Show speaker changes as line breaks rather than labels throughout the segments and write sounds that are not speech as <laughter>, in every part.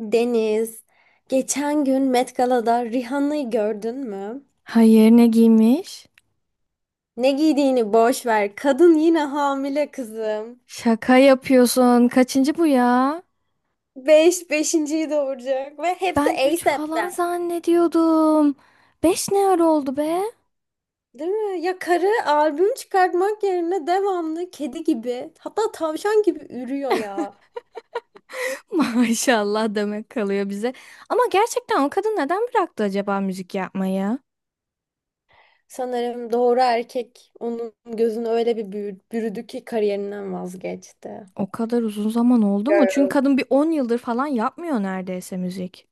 Deniz, geçen gün Met Gala'da Rihanna'yı gördün mü?
Hayır ne giymiş?
Ne giydiğini boş ver. Kadın yine hamile kızım.
Şaka yapıyorsun. Kaçıncı bu ya?
Beş, beşinciyi doğuracak ve hepsi
Ben 3 falan
A$AP'ten.
zannediyordum. 5 ne ara oldu be?
Değil mi? Ya karı albüm çıkartmak yerine devamlı kedi gibi hatta tavşan gibi ürüyor ya.
<laughs> Maşallah demek kalıyor bize. Ama gerçekten o kadın neden bıraktı acaba müzik yapmayı?
Sanırım doğru erkek onun gözünü öyle bir bürüdü ki kariyerinden vazgeçti.
O kadar uzun zaman oldu mu? Çünkü kadın bir 10 yıldır falan yapmıyor neredeyse müzik.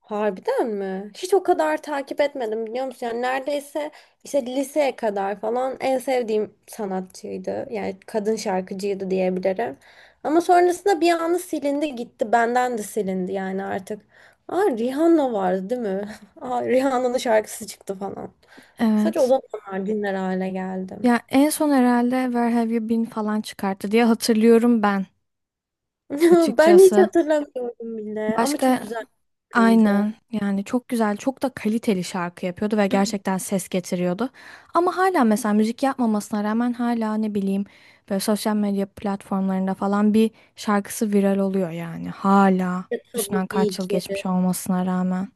Harbiden mi? Hiç o kadar takip etmedim biliyor musun? Yani neredeyse işte liseye kadar falan en sevdiğim sanatçıydı. Yani kadın şarkıcıydı diyebilirim. Ama sonrasında bir anda silindi gitti. Benden de silindi yani artık. Aa, Rihanna vardı değil mi? <laughs> Aa, Rihanna'nın şarkısı çıktı falan. Sadece o
Evet.
zamanlar dinler hale geldim.
Ya en son herhalde Where Have You Been falan çıkarttı diye hatırlıyorum ben
<laughs> Ben hiç
açıkçası.
hatırlamıyorum bile ama çok
Başka
güzel bir
Aynen
şarkıydı.
yani çok güzel çok da kaliteli şarkı yapıyordu ve gerçekten
<clears throat>
ses getiriyordu. Ama hala mesela müzik yapmamasına rağmen hala ne bileyim böyle sosyal medya platformlarında falan bir şarkısı viral oluyor yani hala
Ya tabii
üstünden kaç yıl
ki.
geçmiş olmasına rağmen.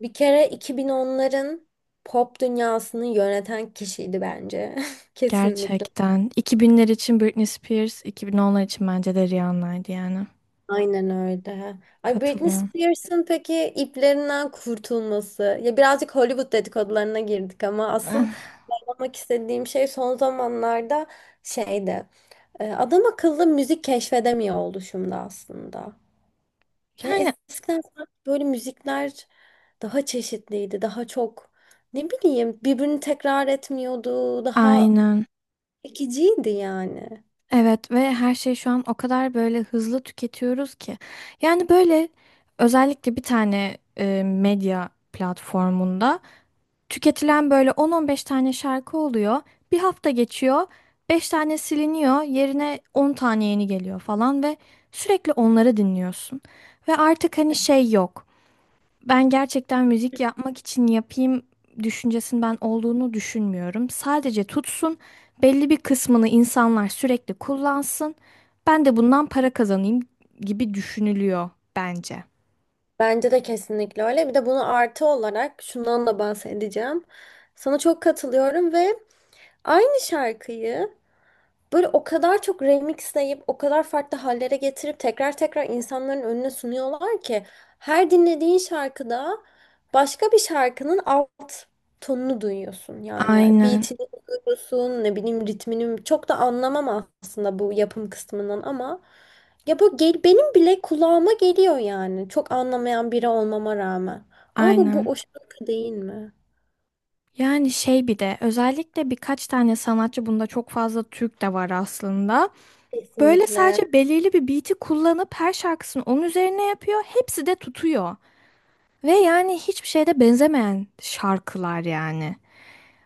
Bir kere 2010'ların pop dünyasını yöneten kişiydi bence. <laughs> Kesinlikle.
Gerçekten 2000'ler için Britney Spears, 2010'lar için bence de Rihanna'ydı yani.
Aynen öyle. Ay Britney
Katılıyorum.
Spears'ın peki iplerinden kurtulması. Ya birazcık Hollywood dedikodularına girdik ama asıl
Eh,
anlamak istediğim şey son zamanlarda şeydi. Adam akıllı müzik keşfedemiyor oluşumda aslında. Ya
yani
eskiden sanki böyle müzikler daha çeşitliydi, daha çok ne bileyim birbirini tekrar etmiyordu, daha
aynen.
çekiciydi yani.
Evet ve her şey şu an o kadar böyle hızlı tüketiyoruz ki. Yani böyle özellikle bir tane medya platformunda tüketilen böyle 10-15 tane şarkı oluyor. Bir hafta geçiyor, 5 tane siliniyor, yerine 10 tane yeni geliyor falan ve sürekli onları dinliyorsun. Ve artık hani şey yok. Ben gerçekten müzik yapmak için yapayım düşüncesinin ben olduğunu düşünmüyorum. Sadece tutsun, belli bir kısmını insanlar sürekli kullansın. Ben de bundan para kazanayım gibi düşünülüyor bence.
Bence de kesinlikle öyle. Bir de bunu artı olarak şundan da bahsedeceğim. Sana çok katılıyorum ve aynı şarkıyı böyle o kadar çok remixleyip, o kadar farklı hallere getirip tekrar tekrar insanların önüne sunuyorlar ki her dinlediğin şarkıda başka bir şarkının alt tonunu duyuyorsun. Yani
Aynen,
beatini duyuyorsun, ne bileyim ritmini çok da anlamam aslında bu yapım kısmından ama ya bu gel, benim bile kulağıma geliyor yani. Çok anlamayan biri olmama rağmen. Ama bu
aynen.
o şarkı değil mi?
Yani şey bir de özellikle birkaç tane sanatçı bunda çok fazla Türk de var aslında. Böyle
Kesinlikle.
sadece belirli bir beat'i kullanıp her şarkısını onun üzerine yapıyor. Hepsi de tutuyor. Ve yani hiçbir şeyde benzemeyen şarkılar yani.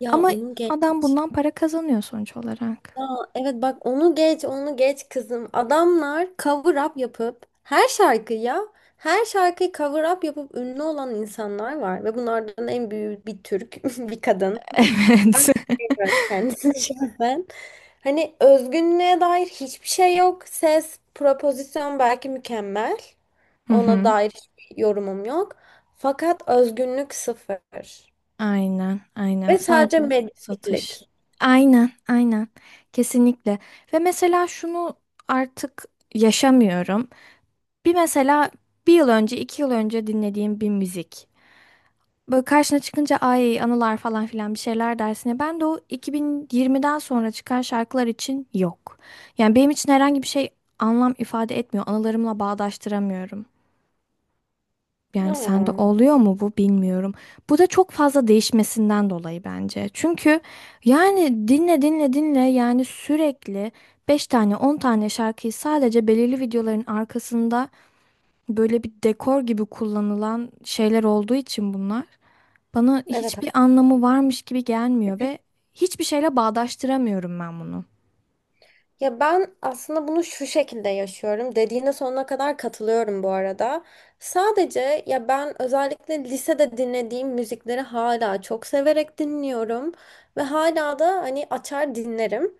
Ya
Ama
onu
adam bundan para kazanıyor sonuç olarak.
Ya evet bak onu geç onu geç kızım. Adamlar cover up yapıp her şarkıyı ya her şarkıyı cover up yapıp ünlü olan insanlar var ve bunlardan en büyüğü bir Türk <laughs> bir kadın.
<laughs> Evet.
Evet. Kendisi şahsen. <laughs> Hani özgünlüğe dair hiçbir şey yok. Ses, propozisyon belki mükemmel.
Hı
Ona
hı.
dair hiçbir yorumum yok. Fakat özgünlük sıfır.
Aynen, aynen.
Ve sadece
Sadece satış.
medyatiklik.
Aynen, aynen. Kesinlikle. Ve mesela şunu artık yaşamıyorum. Bir mesela bir yıl önce, 2 yıl önce dinlediğim bir müzik. Böyle karşına çıkınca ay anılar falan filan bir şeyler dersine. Ben de o 2020'den sonra çıkan şarkılar için yok. Yani benim için herhangi bir şey anlam ifade etmiyor. Anılarımla bağdaştıramıyorum. Yani sende
Aa,
oluyor mu bu bilmiyorum. Bu da çok fazla değişmesinden dolayı bence. Çünkü yani dinle dinle dinle yani sürekli 5 tane 10 tane şarkıyı sadece belirli videoların arkasında böyle bir dekor gibi kullanılan şeyler olduğu için bunlar bana
evet.
hiçbir anlamı varmış gibi gelmiyor ve hiçbir şeyle bağdaştıramıyorum ben bunu.
Ya ben aslında bunu şu şekilde yaşıyorum. Dediğine sonuna kadar katılıyorum bu arada. Sadece ya ben özellikle lisede dinlediğim müzikleri hala çok severek dinliyorum ve hala da hani açar dinlerim.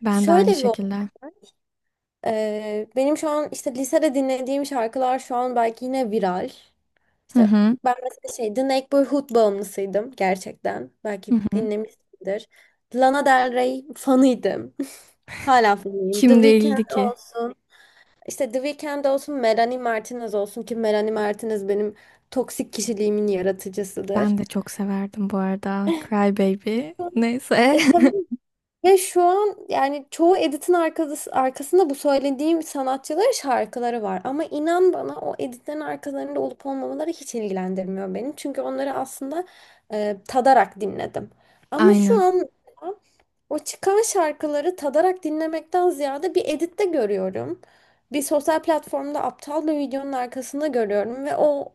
Ben de aynı
Şöyle bir,
şekilde.
Benim şu an işte lisede dinlediğim şarkılar şu an belki yine viral.
Hı
İşte
hı.
ben mesela şey The Neighborhood bağımlısıydım gerçekten.
Hı
Belki
hı.
dinlemişsindir. Lana Del Rey fanıydım. Hala fanıyım. The
Kim
Weeknd
değildi ki?
olsun. İşte The Weeknd olsun, Melanie Martinez olsun ki Melanie Martinez benim toksik kişiliğimin yaratıcısıdır.
Ben de çok severdim bu arada. Cry Baby. Neyse.
E, tabii.
<laughs>
Ve şu an yani çoğu editin arkasında bu söylediğim sanatçıların şarkıları var. Ama inan bana o editlerin arkalarında olup olmamaları hiç ilgilendirmiyor beni. Çünkü onları aslında tadarak dinledim. Ama şu
Aynen.
an o çıkan şarkıları tadarak dinlemekten ziyade bir editte görüyorum. Bir sosyal platformda aptal bir videonun arkasında görüyorum ve o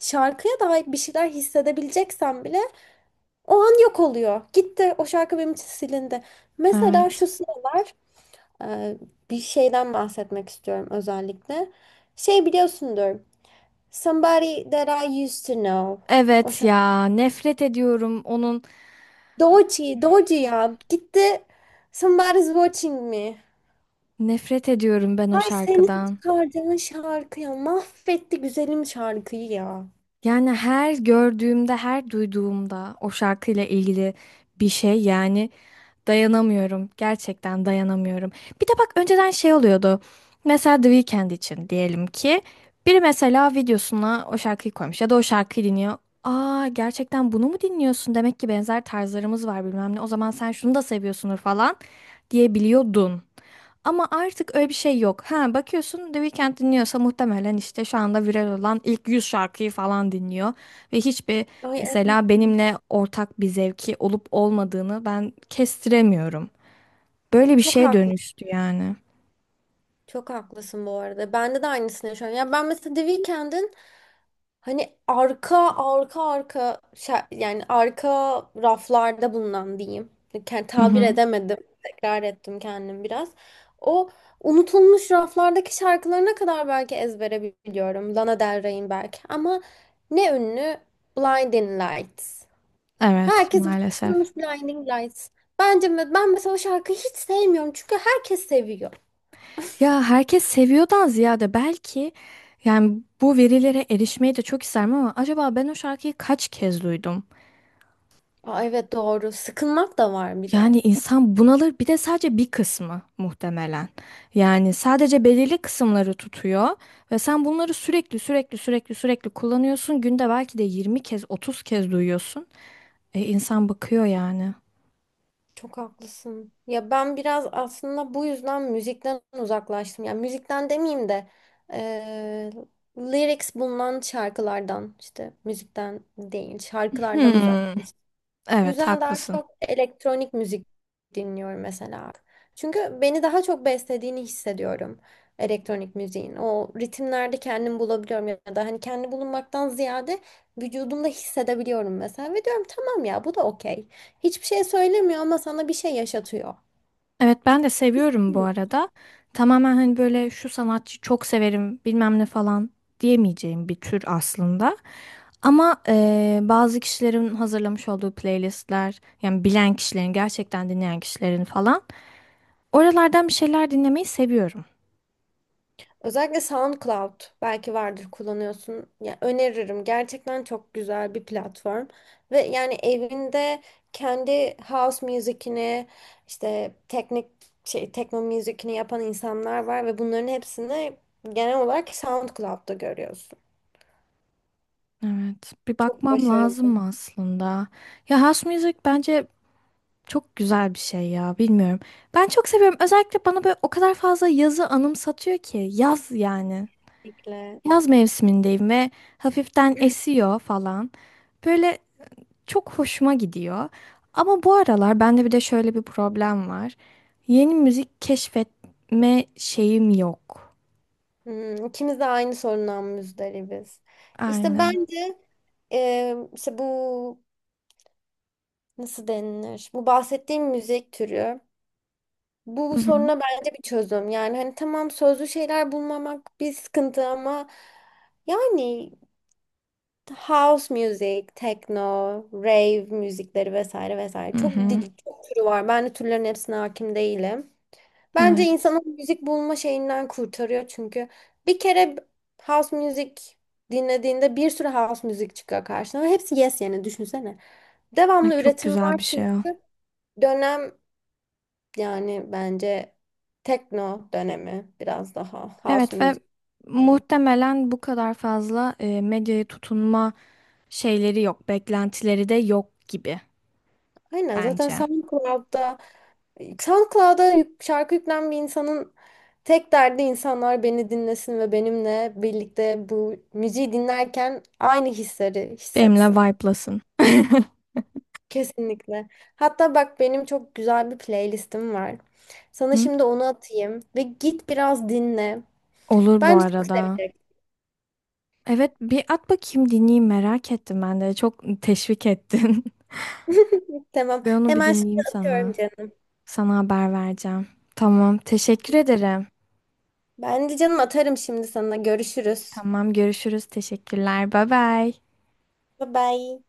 şarkıya dair bir şeyler hissedebileceksem bile o an yok oluyor. Gitti o şarkı benim için silindi. Mesela şu
Evet.
sıralar e, bir şeyden bahsetmek istiyorum özellikle. Şey biliyorsundur. Somebody That I Used to Know. O
Evet
şarkı.
ya. Nefret ediyorum onun.
Doji, doji ya. Gitti. Somebody's Watching Me.
Nefret ediyorum ben o
Ay senin
şarkıdan.
çıkardığın şarkı ya mahvetti güzelim şarkıyı ya.
Yani her gördüğümde, her duyduğumda o şarkıyla ilgili bir şey yani dayanamıyorum. Gerçekten dayanamıyorum. Bir de bak önceden şey oluyordu. Mesela The Weeknd için diyelim ki biri mesela videosuna o şarkıyı koymuş ya da o şarkıyı dinliyor. Aa gerçekten bunu mu dinliyorsun? Demek ki benzer tarzlarımız var bilmem ne. O zaman sen şunu da seviyorsundur falan diyebiliyordun. Ama artık öyle bir şey yok. Ha bakıyorsun The Weeknd dinliyorsa muhtemelen işte şu anda viral olan ilk 100 şarkıyı falan dinliyor. Ve
Ay evet.
mesela benimle ortak bir zevki olup olmadığını ben kestiremiyorum. Böyle bir
Çok
şeye
haklı.
dönüştü yani.
Çok haklısın bu arada. Bende de aynısını yaşıyorum. Ya ben mesela The Weeknd'in hani arka arka arka yani arka raflarda bulunan diyeyim. Yani
Hı
tabir
hı.
edemedim. Tekrar ettim kendim biraz. O unutulmuş raflardaki şarkılarına kadar belki ezbere biliyorum. Lana Del Rey'in belki. Ama ne ünlü? Blinding Lights.
Evet
Herkes
maalesef.
bitirmiş Blinding Lights. Bence ben mesela o şarkıyı hiç sevmiyorum çünkü herkes seviyor.
Ya herkes seviyordan ziyade belki yani bu verilere erişmeyi de çok isterim ama acaba ben o şarkıyı kaç kez duydum?
Aa, evet doğru. Sıkılmak da var bir de.
Yani insan bunalır bir de sadece bir kısmı muhtemelen. Yani sadece belirli kısımları tutuyor ve sen bunları sürekli sürekli sürekli sürekli kullanıyorsun. Günde belki de 20 kez 30 kez duyuyorsun. İnsan bakıyor yani.
Çok haklısın. Ya ben biraz aslında bu yüzden müzikten uzaklaştım. Yani müzikten demeyeyim de eee, lyrics bulunan şarkılardan, işte müzikten değil şarkılardan uzak.
Hmm,
Bu
evet
yüzden daha
haklısın.
çok elektronik müzik dinliyorum mesela. Çünkü beni daha çok beslediğini hissediyorum elektronik müziğin. O ritimlerde kendimi bulabiliyorum ya da hani kendi bulunmaktan ziyade vücudumda hissedebiliyorum mesela. Ve diyorum tamam ya bu da okey. Hiçbir şey söylemiyor ama sana bir şey yaşatıyor.
Evet ben de seviyorum bu
Hmm.
arada. Tamamen hani böyle şu sanatçı çok severim bilmem ne falan diyemeyeceğim bir tür aslında. Ama bazı kişilerin hazırlamış olduğu playlistler yani bilen kişilerin gerçekten dinleyen kişilerin falan oralardan bir şeyler dinlemeyi seviyorum.
Özellikle SoundCloud, belki vardır kullanıyorsun. Ya öneririm. Gerçekten çok güzel bir platform. Ve yani evinde kendi house müzikini, işte teknik şey tekno müzikini yapan insanlar var ve bunların hepsini genel olarak SoundCloud'da görüyorsun.
Evet bir
Çok
bakmam lazım
başarılı.
mı aslında? Ya house music bence çok güzel bir şey ya bilmiyorum. Ben çok seviyorum özellikle bana böyle o kadar fazla yazı anımsatıyor ki yaz yani.
Kesinlikle.
Yaz mevsimindeyim ve hafiften
<clears throat>
esiyor falan. Böyle çok hoşuma gidiyor. Ama bu aralar bende bir de şöyle bir problem var. Yeni müzik keşfetme şeyim yok.
Hmm, ikimiz de aynı sorundan muzdaribiz. İşte
Aynen.
bence, işte bu nasıl denilir? Bu bahsettiğim müzik türü bu
Hı hı.
soruna bence bir çözüm. Yani hani tamam sözlü şeyler bulmamak bir sıkıntı ama yani house music, techno, rave müzikleri vesaire vesaire
Hı
çok
hı.
dil çok türü var. Ben de türlerin hepsine hakim değilim. Bence
Evet.
insanın müzik bulma şeyinden kurtarıyor çünkü bir kere house music dinlediğinde bir sürü house müzik çıkıyor karşına ve hepsi yes yani düşünsene.
Ne
Devamlı
çok
üretim
güzel
var
bir
çünkü
şey o.
dönem, yani bence tekno dönemi biraz daha house
Evet ve
music falan.
muhtemelen bu kadar fazla medyaya tutunma şeyleri yok. Beklentileri de yok gibi
Aynen, zaten
bence.
SoundCloud'da şarkı yüklen bir insanın tek derdi insanlar beni dinlesin ve benimle birlikte bu müziği dinlerken aynı hisleri
Benimle
hissetsin.
vibe'lasın. <laughs>
Kesinlikle. Hatta bak benim çok güzel bir playlistim var. Sana
Hı?
şimdi onu atayım ve git biraz dinle.
Olur bu
Bence çok
arada.
seveceksin.
Evet bir at bakayım dinleyeyim merak ettim ben de. Çok teşvik ettin. <laughs>
Tamam.
Ben onu bir
Hemen şimdi
dinleyeyim
atıyorum
sana.
canım.
Sana haber vereceğim. Tamam teşekkür ederim.
Ben de canım atarım şimdi sana. Görüşürüz.
Tamam görüşürüz teşekkürler bay bay.
Bye bye.